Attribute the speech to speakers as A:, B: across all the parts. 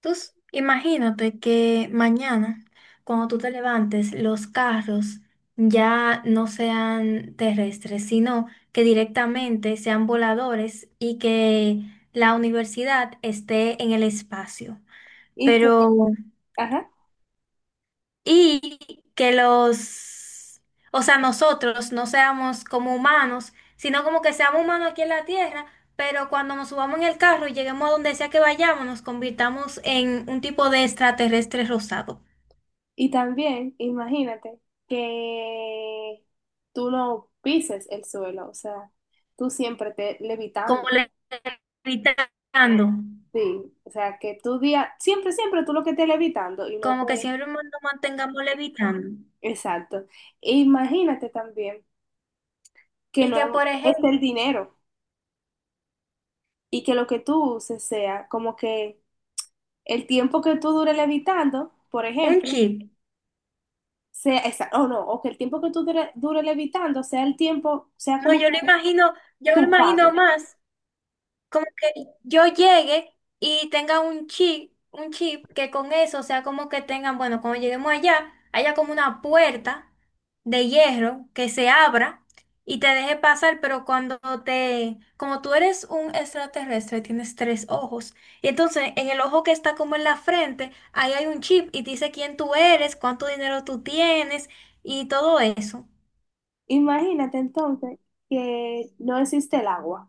A: Imagínate que mañana, cuando tú te levantes, los carros ya no sean terrestres, sino que directamente sean voladores y que la universidad esté en el espacio.
B: Y,
A: Pero
B: ajá,
A: y que los, o sea, nosotros no seamos como humanos, sino como que seamos humanos aquí en la tierra, pero cuando nos subamos en el carro y lleguemos a donde sea que vayamos, nos convirtamos en un tipo de extraterrestre rosado,
B: y también, imagínate que tú no pises el suelo, o sea, tú siempre te
A: como
B: levitando.
A: le- levitando,
B: Sí, o sea, que tú día, siempre, siempre tú lo que estés levitando y no te...
A: como que siempre nos mantengamos levitando.
B: Exacto. E imagínate también que
A: Y que, por
B: no es el
A: ejemplo,
B: dinero y que lo que tú uses sea como que el tiempo que tú dure levitando, por
A: un
B: ejemplo,
A: chip,
B: sea esa, o no, o que el tiempo que tú dure levitando sea el tiempo, sea
A: no,
B: como que
A: yo lo
B: tu
A: imagino
B: pago.
A: más. Como que yo llegue y tenga un chip que con eso, o sea, como que tengan, bueno, cuando lleguemos allá, haya como una puerta de hierro que se abra y te deje pasar, pero como tú eres un extraterrestre, tienes tres ojos, y entonces en el ojo que está como en la frente, ahí hay un chip y te dice quién tú eres, cuánto dinero tú tienes y todo eso.
B: Imagínate entonces que no existe el agua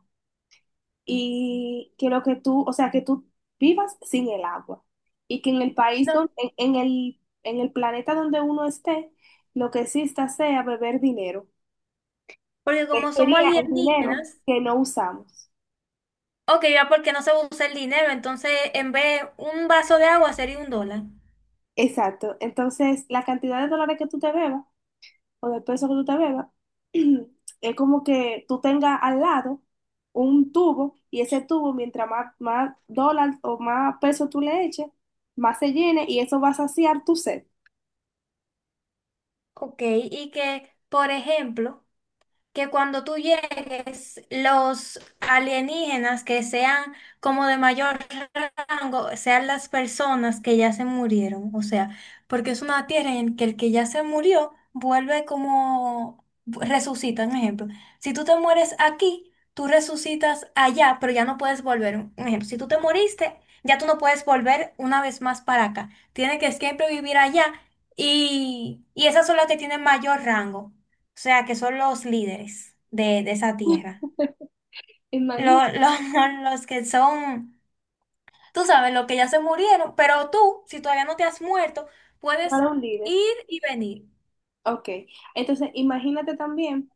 B: y que lo que tú, o sea, que tú vivas sin el agua y que en el país
A: No,
B: donde, en el planeta donde uno esté, lo que exista sea beber dinero,
A: porque
B: que
A: como somos
B: sería el dinero
A: alienígenas,
B: que no usamos.
A: ok, ya porque no se usa el dinero, entonces en vez un vaso de agua sería un dólar.
B: Exacto. Entonces, la cantidad de dólares que tú te bebas o después de todo eso que tú te bebas, es como que tú tengas al lado un tubo y ese tubo, mientras más, más dólar o más peso tú le eches, más se llene y eso va a saciar tu sed.
A: Ok, y que, por ejemplo, que cuando tú llegues, los alienígenas que sean como de mayor rango sean las personas que ya se murieron. O sea, porque es una tierra en que el que ya se murió vuelve como resucita, un ejemplo. Si tú te mueres aquí, tú resucitas allá, pero ya no puedes volver. Un ejemplo, si tú te moriste, ya tú no puedes volver una vez más para acá. Tienes que siempre vivir allá y esas son las que tienen mayor rango, o sea, que son los líderes de esa tierra.
B: Imagínate,
A: Los que son, tú sabes, los que ya se murieron, pero tú, si todavía no te has muerto, puedes
B: para un líder.
A: ir y venir
B: Ok, entonces imagínate también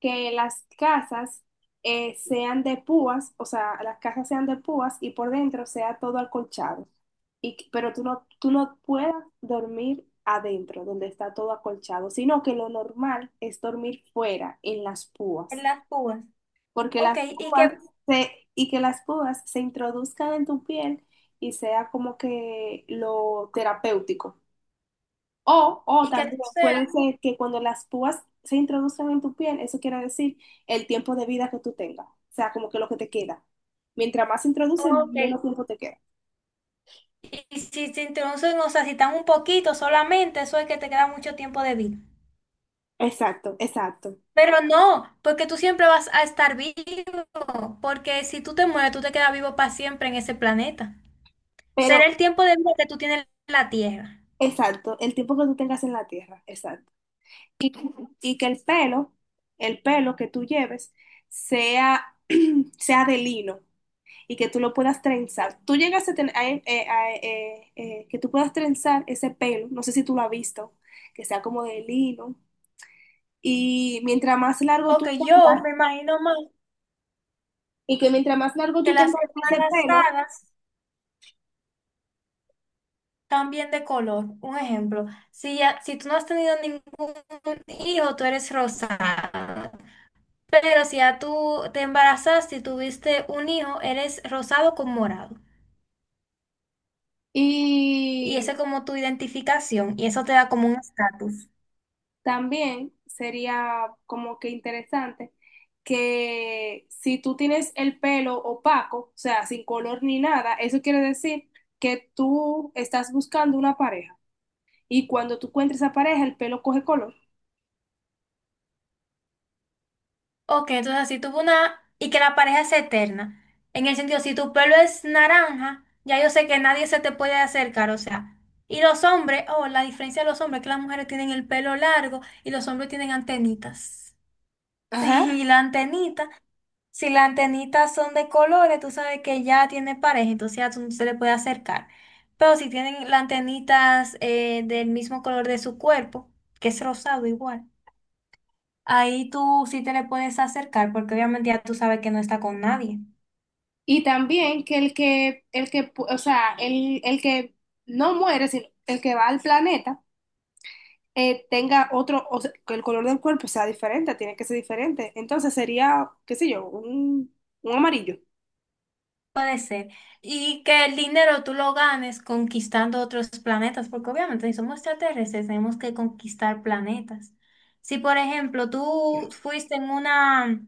B: que las casas sean de púas, o sea, las casas sean de púas y por dentro sea todo acolchado, y, pero tú no puedas dormir adentro, donde está todo acolchado, sino que lo normal es dormir fuera, en las
A: en
B: púas,
A: las púas.
B: porque
A: Ok,
B: las púas se introduzcan en tu piel y sea como que lo terapéutico. O
A: y que tú
B: también
A: seas,
B: puede ser que cuando las púas se introduzcan en tu piel, eso quiere decir el tiempo de vida que tú tengas, o sea, como que lo que te queda. Mientras más se introducen,
A: ok.
B: menos
A: Y
B: tiempo te queda.
A: y si se introducen, o sea, si están un poquito solamente, eso es que te queda mucho tiempo de vida.
B: Exacto, exacto.
A: Pero no, porque tú siempre vas a estar vivo, porque si tú te mueres, tú te quedas vivo para siempre en ese planeta.
B: Pero,
A: Será el tiempo de vida que tú tienes en la Tierra.
B: exacto, el tiempo que tú tengas en la Tierra, exacto. Y, y que el pelo que tú lleves, sea, sea de lino y que tú lo puedas trenzar. Tú llegas a tener, que tú puedas trenzar ese pelo, no sé si tú lo has visto, que sea como de lino. Y mientras más largo tú
A: Porque yo
B: tengas,
A: me imagino más
B: y que mientras más largo
A: que
B: tú
A: las
B: tengas ese pelo,
A: embarazadas cambien de color. Un ejemplo, si, ya, si tú no has tenido ningún hijo, tú eres rosada. Pero si ya tú te embarazaste y tuviste un hijo, eres rosado con morado. Y
B: y
A: esa es como tu identificación y eso te da como un estatus.
B: también sería como que interesante que si tú tienes el pelo opaco, o sea, sin color ni nada, eso quiere decir que tú estás buscando una pareja. Y cuando tú encuentres esa pareja, el pelo coge color.
A: Ok, entonces así tuvo una... Y que la pareja es eterna. En el sentido, si tu pelo es naranja, ya yo sé que nadie se te puede acercar, o sea. Y los hombres, oh, la diferencia de los hombres es que las mujeres tienen el pelo largo y los hombres tienen antenitas.
B: Ajá.
A: Y la antenita, si las antenitas son de colores, tú sabes que ya tiene pareja, entonces ya tú no se le puede acercar. Pero si tienen las antenitas del mismo color de su cuerpo, que es rosado igual. Ahí tú sí te le puedes acercar porque obviamente ya tú sabes que no está con nadie.
B: Y también que el que, o sea, el que no muere, sino el que va al planeta tenga otro, o sea, que el color del cuerpo sea diferente, tiene que ser diferente. Entonces sería, qué sé yo, un amarillo.
A: Puede ser. Y que el dinero tú lo ganes conquistando otros planetas, porque obviamente si somos extraterrestres tenemos que conquistar planetas. Si por ejemplo tú fuiste en una,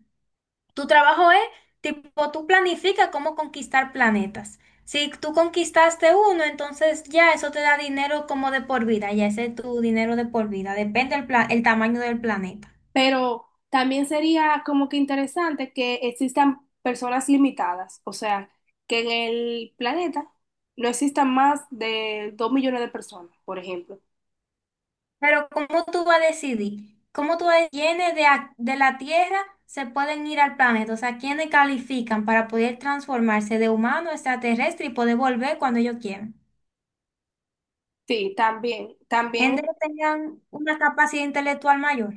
A: tu trabajo es tipo, tú planificas cómo conquistar planetas. Si tú conquistaste uno, entonces ya eso te da dinero como de por vida, ya ese es tu dinero de por vida, depende el tamaño del planeta.
B: Pero también sería como que interesante que existan personas limitadas, o sea, que en el planeta no existan más de 2 millones de personas, por ejemplo.
A: Pero ¿cómo tú vas a decidir? ¿Cómo tú decidir quiénes de la Tierra se pueden ir al planeta? O sea, ¿quiénes califican para poder transformarse de humano a extraterrestre y poder volver cuando ellos quieran?
B: Sí, también, también.
A: Gente que tengan una capacidad intelectual mayor.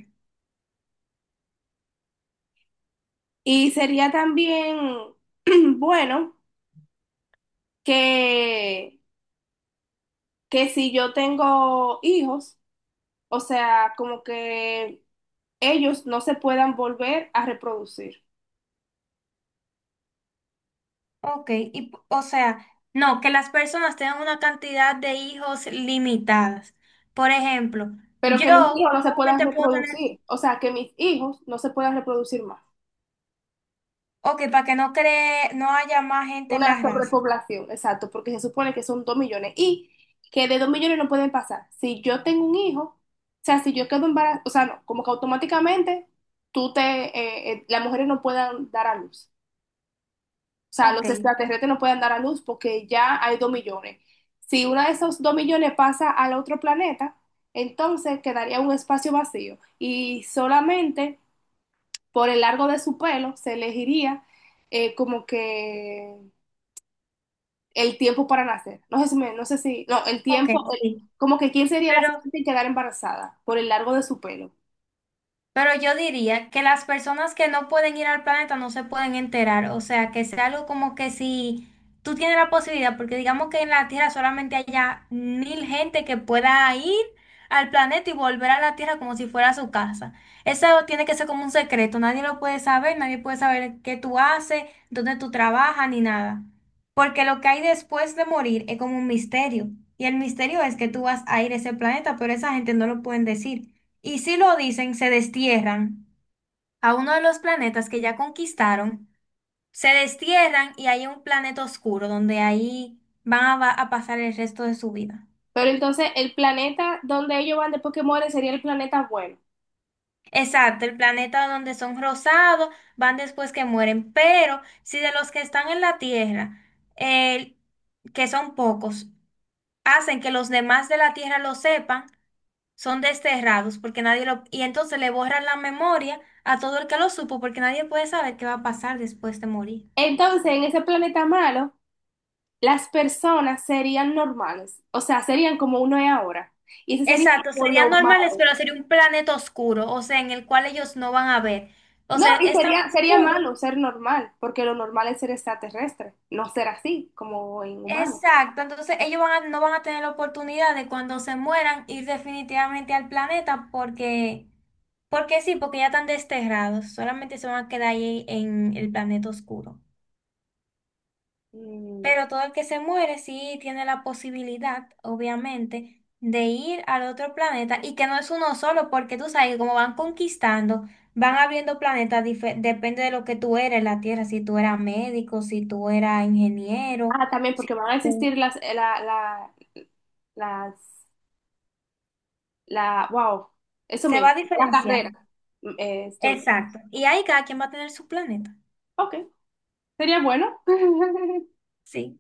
B: Y sería también bueno que, que si yo tengo hijos, o sea, como que ellos no se puedan volver a reproducir,
A: Ok, y, o sea, no, que las personas tengan una cantidad de hijos limitadas. Por ejemplo,
B: pero que mis hijos
A: yo
B: no se puedan
A: solamente puedo tener,
B: reproducir, o sea, que mis hijos no se puedan reproducir más.
A: ok, para que no cree, no haya más gente en
B: Una
A: la raza.
B: sobrepoblación, exacto, porque se supone que son 2 millones y que de 2 millones no pueden pasar. Si yo tengo un hijo, o sea, si yo quedo embarazada, o sea, no, como que automáticamente tú te, las mujeres no puedan dar a luz. O sea,
A: Ok,
B: los extraterrestres no pueden dar a luz porque ya hay 2 millones. Si uno de esos 2 millones pasa al otro planeta, entonces quedaría un espacio vacío y solamente por el largo de su pelo se elegiría como que el tiempo para nacer. No sé si, no, el
A: ok,
B: tiempo,
A: sí.
B: como que quién sería la
A: pero
B: siguiente en quedar embarazada por el largo de su pelo.
A: Pero yo diría que las personas que no pueden ir al planeta no se pueden enterar. O sea, que sea algo como que si tú tienes la posibilidad, porque digamos que en la Tierra solamente haya 1000 gente que pueda ir al planeta y volver a la Tierra como si fuera su casa. Eso tiene que ser como un secreto. Nadie lo puede saber, nadie puede saber qué tú haces, dónde tú trabajas, ni nada. Porque lo que hay después de morir es como un misterio. Y el misterio es que tú vas a ir a ese planeta, pero esa gente no lo pueden decir. Y si lo dicen, se destierran a uno de los planetas que ya conquistaron, se destierran y hay un planeta oscuro donde ahí van a pasar el resto de su vida.
B: Pero entonces el planeta donde ellos van después que mueren sería el planeta bueno.
A: Exacto, el planeta donde son rosados, van después que mueren, pero si de los que están en la Tierra, el- que son pocos, hacen que los demás de la Tierra lo sepan, son desterrados porque nadie lo... Y entonces le borran la memoria a todo el que lo supo porque nadie puede saber qué va a pasar después de morir.
B: Entonces, en ese planeta malo, las personas serían normales, o sea, serían como uno es ahora. Y ese sería
A: Exacto,
B: como
A: serían
B: lo
A: normales,
B: malo.
A: pero sería un planeta oscuro, o sea, en el cual ellos no van a ver. O
B: No,
A: sea,
B: y
A: es tan
B: sería, sería
A: oscuro.
B: malo ser normal, porque lo normal es ser extraterrestre, no ser así, como en humano.
A: Exacto, entonces ellos no van a tener la oportunidad de cuando se mueran ir definitivamente al planeta porque, porque sí, porque ya están desterrados, solamente se van a quedar ahí en el planeta oscuro.
B: Mm.
A: Pero todo el que se muere sí tiene la posibilidad, obviamente, de ir al otro planeta y que no es uno solo, porque tú sabes que como van conquistando, van abriendo planetas, depende de lo que tú eres en la Tierra, si tú eras médico, si tú eras ingeniero,
B: Ah, también porque
A: si
B: van a
A: tú-
B: existir las, la, la, las, la, wow, eso
A: se va a
B: mismo, la
A: diferenciar.
B: carrera, estudio.
A: Exacto. Y ahí cada quien va a tener su planeta.
B: Ok, sería bueno.
A: Sí.